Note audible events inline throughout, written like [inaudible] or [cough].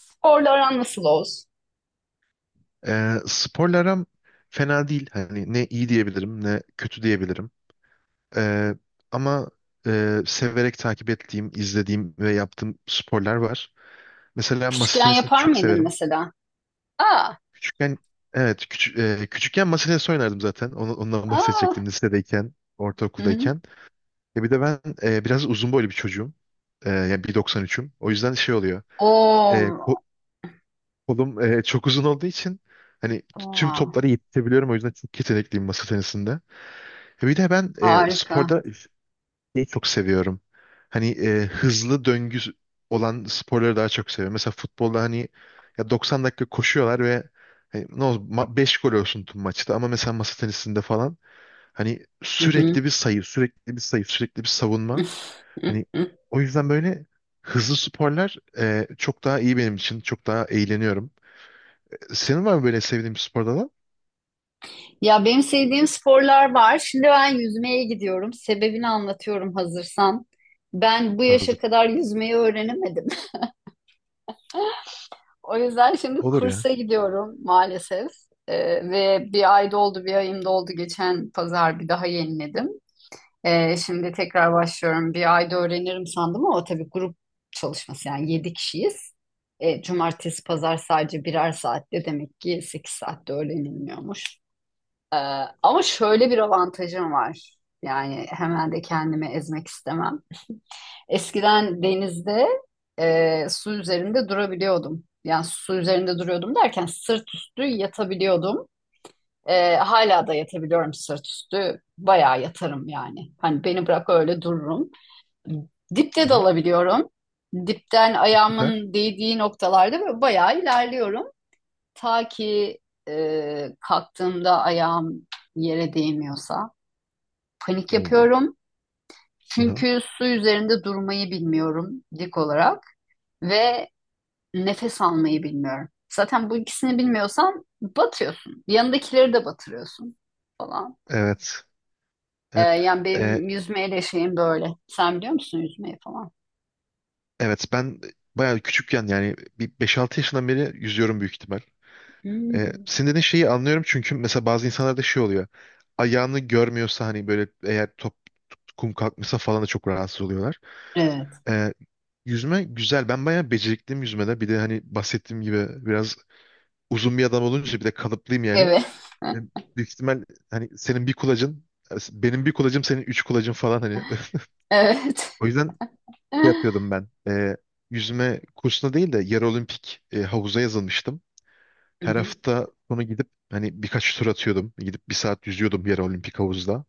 Sporla aran nasıl Oğuz? Sporla aram fena değil. Hani ne iyi diyebilirim ne kötü diyebilirim. Ee, Ama severek takip ettiğim, izlediğim ve yaptığım sporlar var. Mesela masa Küçükken tenisini yapar çok mıydın severim. mesela? Aa, Küçükken, evet, küçükken masa tenisi oynardım zaten. Ondan [laughs] aa. bahsedecektim, lisedeyken, Hı hı. ortaokuldayken. Ya bir de ben biraz uzun boylu bir çocuğum. Yani 1,93'üm. O yüzden şey oluyor. E, ko- Oo, Kolum çok uzun olduğu için hani tüm aa, toplara yetişebiliyorum. O yüzden çok yetenekliyim masa tenisinde. Bir de ben harika. sporda şeyi çok seviyorum. Hani hızlı döngü olan sporları daha çok seviyorum. Mesela futbolda hani ya 90 dakika koşuyorlar ve hani ne olsun 5 gol olsun tüm maçta, ama mesela masa tenisinde falan hani Hı hı. sürekli bir sayı, sürekli bir sayı, sürekli bir savunma. Hani [laughs] o yüzden böyle hızlı sporlar çok daha iyi benim için. Çok daha eğleniyorum. Senin var mı böyle sevdiğin bir spor dalı? Ya benim sevdiğim sporlar var. Şimdi ben yüzmeye gidiyorum. Sebebini anlatıyorum hazırsan. Ben bu yaşa Hazır. kadar yüzmeyi öğrenemedim. [laughs] O yüzden şimdi Olur ya. kursa gidiyorum maalesef. Ve bir ay doldu, bir ayım doldu. Geçen pazar bir daha yeniledim. Şimdi tekrar başlıyorum. Bir ayda öğrenirim sandım ama o tabii grup çalışması yani 7 kişiyiz. Cumartesi, pazar sadece birer saatte demek ki 8 saatte öğrenilmiyormuş. Ama şöyle bir avantajım var. Yani hemen de kendimi ezmek istemem. Eskiden denizde su üzerinde durabiliyordum. Yani su üzerinde duruyordum derken sırt üstü yatabiliyordum. Hala da yatabiliyorum sırt üstü. Bayağı yatarım yani. Hani beni bırak öyle dururum. Dipte Hı hı. dalabiliyorum. Dipten Süper. ayağımın değdiği noktalarda böyle bayağı ilerliyorum. Ta ki kalktığımda ayağım yere değmiyorsa. Panik Oo. yapıyorum. Hı hı. Çünkü su üzerinde durmayı bilmiyorum dik olarak ve nefes almayı bilmiyorum. Zaten bu ikisini bilmiyorsan batıyorsun. Yanındakileri de batırıyorsun falan. Evet. E, Evet. yani Ee, benim yüzmeyle şeyim böyle. Sen biliyor musun yüzmeyi falan? evet, ben bayağı küçükken, yani bir 5-6 yaşından beri yüzüyorum büyük ihtimal. Hmm. Senin dediğin şeyi anlıyorum çünkü mesela bazı insanlarda şey oluyor. Ayağını görmüyorsa hani böyle, eğer top kum kalkmışsa falan da çok rahatsız oluyorlar. Evet. Ee, Yüzme güzel. Ben bayağı becerikliyim yüzmede. Bir de hani bahsettiğim gibi biraz uzun bir adam olunca bir de kalıplıyım yani. Evet. [laughs] Benim Büyük ihtimal hani senin bir kulacın, benim bir kulacım, senin üç kulacın falan hani. [laughs] Evet. O yüzden şey [laughs] yapıyordum ben. Yüzme kursuna değil de yarı olimpik havuza yazılmıştım. Hı Her hı. hafta sonu gidip hani birkaç tur atıyordum. Gidip bir saat yüzüyordum yarı olimpik havuzda.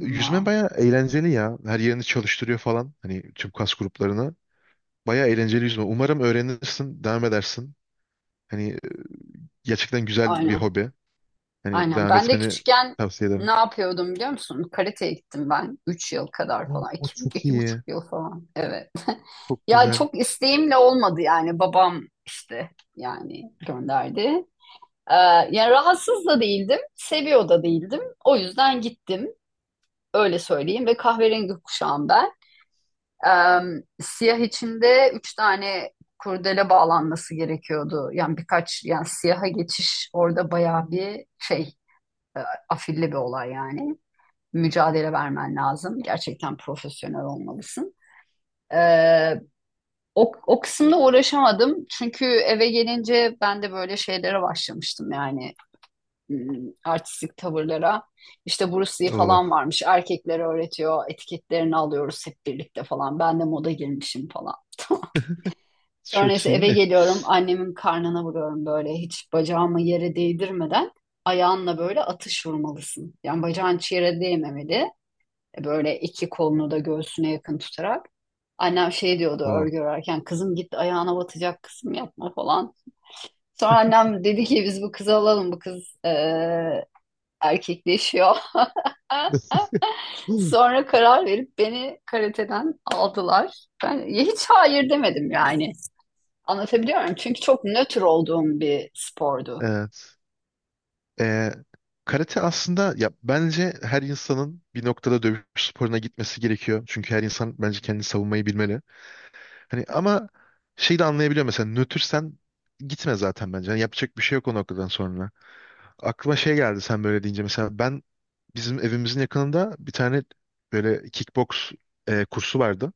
Yüzme bayağı eğlenceli ya. Her yerini çalıştırıyor falan. Hani tüm kas gruplarını. Bayağı eğlenceli yüzme. Umarım öğrenirsin, devam edersin. Hani gerçekten güzel bir Aynen. hobi. Hani Aynen. devam Ben de etmeni küçükken tavsiye ne ederim. yapıyordum biliyor musun? Karateye gittim ben. 3 yıl kadar Aa, falan. o İki, çok iki iyi. buçuk yıl falan. Evet. Çok Ya güzel. çok isteğimle olmadı yani. Babam işte yani gönderdi. Ee, yani rahatsız da değildim. Seviyor da değildim. O yüzden gittim. Öyle söyleyeyim. Ve kahverengi kuşağım ben. Siyah içinde üç tane kurdele bağlanması gerekiyordu. Yani birkaç yani siyaha geçiş orada bayağı bir şey e, afilli bir olay yani. Mücadele vermen lazım. Gerçekten profesyonel olmalısın. Ee, o kısımda uğraşamadım. Çünkü eve gelince ben de böyle şeylere başlamıştım yani hmm, artistik tavırlara. İşte Bruce Lee Oo, falan varmış. Erkeklere öğretiyor. Etiketlerini alıyoruz hep birlikte falan. Ben de moda girmişim falan. [laughs] Sonra çok neyse iyi. eve [laughs] geliyorum annemin karnına vuruyorum böyle hiç bacağımı yere değdirmeden ayağınla böyle atış vurmalısın. Yani bacağın hiç yere değmemeli. Böyle iki kolunu da göğsüne yakın tutarak. Annem şey diyordu Wow. örgü örerken kızım git ayağına batacak kızım yapma falan. Sonra annem dedi ki biz bu kızı alalım bu kız erkekleşiyor. [laughs] [laughs] Sonra karar verip beni karateden aldılar. Ben hiç hayır demedim yani. Anlatabiliyor muyum? Çünkü çok nötr olduğum bir spordu. Evet. Ee, Karate aslında, ya bence her insanın bir noktada dövüş sporuna gitmesi gerekiyor. Çünkü her insan bence kendini savunmayı bilmeli. Hani ama şey de anlayabiliyor, mesela nötrsen gitme zaten bence. Yani yapacak bir şey yok o noktadan sonra. Aklıma şey geldi sen böyle deyince. Mesela ben bizim evimizin yakınında bir tane böyle kickbox kursu vardı.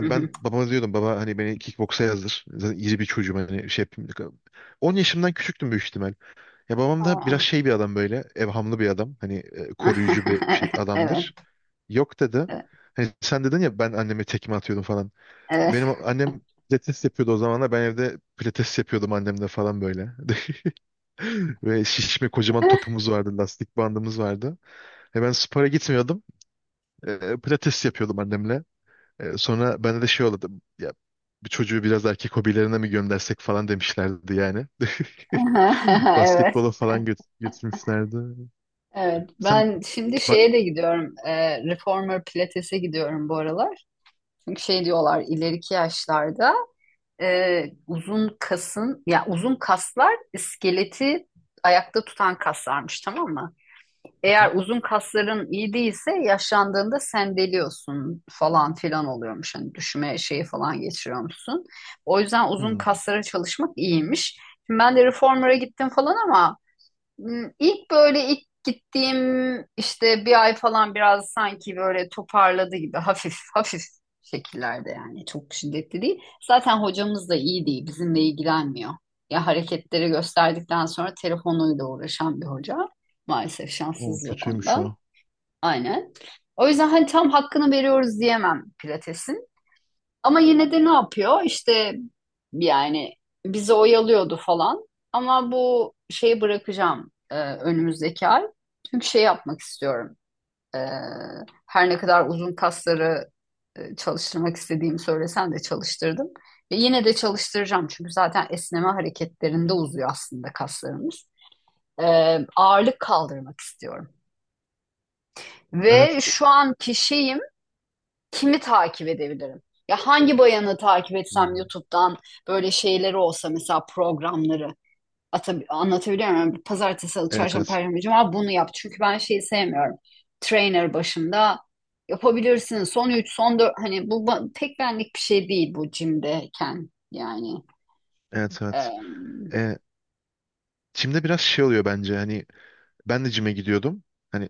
Hı hı. ben babama diyordum, baba hani beni kickboksa yazdır. Zaten iri bir çocuğum, hani şey yapayım. 10 yaşımdan küçüktüm büyük ihtimal. Ya babam da biraz Aa. şey bir adam, böyle evhamlı bir adam. Hani koruyucu bir şey [laughs] Evet, adamdır. Yok dedi. evet. Hani sen dedin ya, ben anneme tekme atıyordum falan. Benim annem pilates yapıyordu o zamanlar. Ben evde pilates yapıyordum annemle falan böyle. [laughs] Ve şişme kocaman [laughs] topumuz vardı. Lastik bandımız vardı. Ben spora gitmiyordum. Pilates yapıyordum annemle. Sonra bende de şey oldu. Ya bir çocuğu biraz erkek hobilerine mi göndersek falan demişlerdi yani. [laughs] Evet, Basketbola falan götürmüşlerdi. evet. Sen Ben şimdi ba- şeye de gidiyorum. Reformer Pilates'e gidiyorum bu aralar. Çünkü şey diyorlar ileriki yaşlarda uzun kasın, ya uzun kaslar iskeleti ayakta tutan kaslarmış, tamam mı? Hı Eğer hı. uzun kasların iyi değilse yaşlandığında sendeliyorsun falan filan oluyormuş. Hani düşme şeyi falan geçiriyormuşsun. O yüzden uzun Hmm, kaslara çalışmak iyiymiş. Şimdi ben de reformer'a gittim falan ama İlk böyle ilk gittiğim işte bir ay falan biraz sanki böyle toparladı gibi hafif [laughs] hafif şekillerde yani çok şiddetli değil. Zaten hocamız da iyi değil bizimle ilgilenmiyor. Ya hareketleri gösterdikten sonra telefonuyla uğraşan bir hoca. Maalesef O şanssızız o kötüymüş konuda. o. Aynen. O yüzden hani tam hakkını veriyoruz diyemem Pilates'in. Ama yine de ne yapıyor? İşte yani bizi oyalıyordu falan. Ama bu şeyi bırakacağım önümüzdeki ay. Çünkü şey yapmak istiyorum. E, Her ne kadar uzun kasları çalıştırmak istediğimi söylesen de çalıştırdım. Ve yine de çalıştıracağım. Çünkü zaten esneme hareketlerinde uzuyor aslında kaslarımız. E, Ağırlık kaldırmak istiyorum. Ve Evet. şu an kişiyim. Kimi takip edebilirim? Ya hangi bayanı takip etsem Hmm, YouTube'dan böyle şeyleri olsa mesela programları anlatabiliyor muyum? Pazartesi, salı, evet, çarşamba, evet. perşembe, cuma bunu yap. Çünkü ben şeyi sevmiyorum. Trainer başında yapabilirsin. Son 3 son 4 hani bu pek benlik bir şey değil bu jimdeyken yani. Evet, evet. Em, Ee, Çim'de biraz şey oluyor bence. Hani ben de cime gidiyordum. Hani,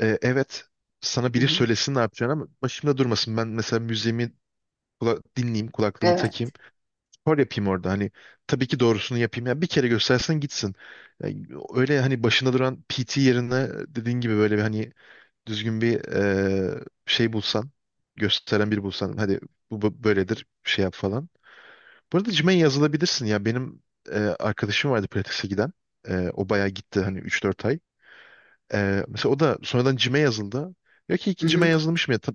Evet, sana hı biri hı. söylesin ne yapacağını ama başımda durmasın. Ben mesela müziğimi dinleyeyim, kulaklığımı takayım. Evet. Spor yapayım orada. Hani tabii ki doğrusunu yapayım. Ya bir kere göstersen gitsin. Ya, öyle hani başında duran PT yerine dediğin gibi böyle bir hani düzgün bir şey bulsan, gösteren biri bulsan. Hadi, bu böyledir, şey yap falan. Bu arada gym'e yazılabilirsin ya. Benim arkadaşım vardı pilatese giden. O bayağı gitti, hani 3-4 ay. Mesela o da sonradan cime yazıldı. Diyor ki Hı iki cime hı. yazılmış mı ya?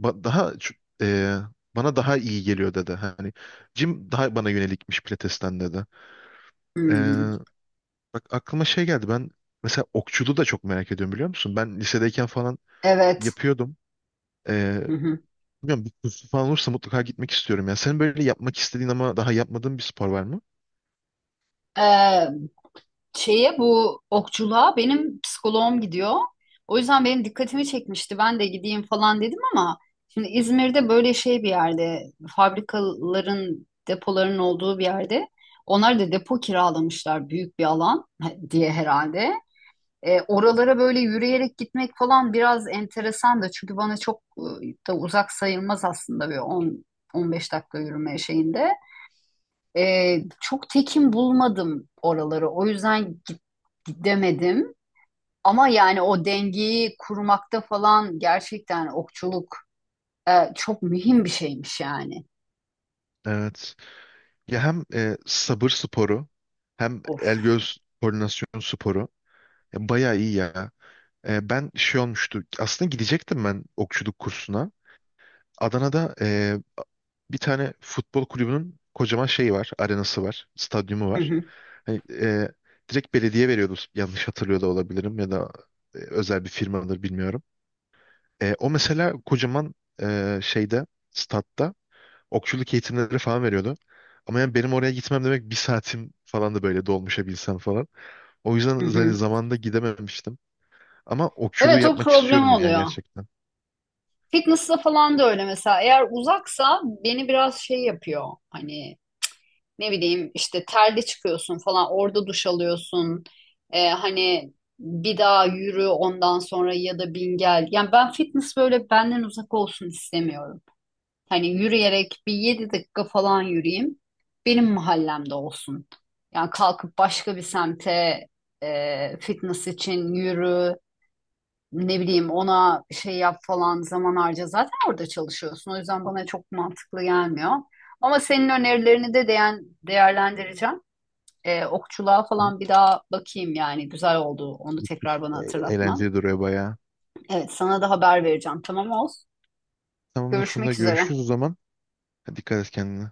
ba- Daha ç- e, Bana daha iyi geliyor dedi. Hani cim daha bana yönelikmiş Pilates'ten dedi. Hı hı. Ee, Bak aklıma şey geldi. Ben mesela okçuluğu da çok merak ediyorum biliyor musun? Ben lisedeyken falan Evet. yapıyordum. Ee, Hı Bilmiyorum, bir kursu falan olursa mutlaka gitmek istiyorum. Yani senin böyle yapmak istediğin ama daha yapmadığın bir spor var mı? hı. Şeye bu okçuluğa benim psikoloğum gidiyor. O yüzden benim dikkatimi çekmişti. Ben de gideyim falan dedim ama şimdi İzmir'de böyle şey bir yerde fabrikaların depoların olduğu bir yerde onlar da depo kiralamışlar büyük bir alan [laughs] diye herhalde. Oralara böyle yürüyerek gitmek falan biraz enteresan da çünkü bana çok da uzak sayılmaz aslında bir 10 15 dakika yürüme şeyinde. Çok tekin bulmadım oraları. O yüzden gidemedim. Ama yani o dengeyi kurmakta falan gerçekten okçuluk çok mühim bir şeymiş yani. Evet. Ya hem sabır sporu, hem Of. el göz koordinasyon sporu. Ya bayağı iyi ya. Ben şey olmuştu. Aslında gidecektim ben okçuluk kursuna. Adana'da bir tane futbol kulübünün kocaman şeyi var. Arenası var. Stadyumu Hı var. hı, Hani, direkt belediye veriyordu. Yanlış hatırlıyor da olabilirim, ya da özel bir firmadır bilmiyorum. O mesela kocaman şeyde, statta, okçuluk eğitimleri falan veriyordu. Ama yani benim oraya gitmem demek bir saatim falan, da böyle dolmuşa binsem falan. O yüzden hı hani hı. zamanında gidememiştim. Ama okçuluğu Evet o yapmak problem istiyorum ya oluyor. gerçekten. Fitness'la falan da öyle mesela. Eğer uzaksa beni biraz şey yapıyor. Hani ne bileyim işte terli çıkıyorsun falan orada duş alıyorsun. Hani bir daha yürü ondan sonra ya da bin gel. Yani ben fitness böyle benden uzak olsun istemiyorum. Hani yürüyerek bir 7 dakika falan yürüyeyim. Benim mahallemde olsun. Yani kalkıp başka bir semte fitness için yürü. Ne bileyim ona şey yap falan zaman harca zaten orada çalışıyorsun. O yüzden bana çok mantıklı gelmiyor. Ama senin önerilerini de değerlendireceğim. Okçuluğa İyi, falan bir daha bakayım yani güzel oldu onu git, git. tekrar bana hatırlatman. Eğlenceli duruyor bayağı. Evet sana da haber vereceğim tamam olsun. Tamamdır Funda, Görüşmek üzere. görüşürüz o zaman. Hadi, dikkat et kendine.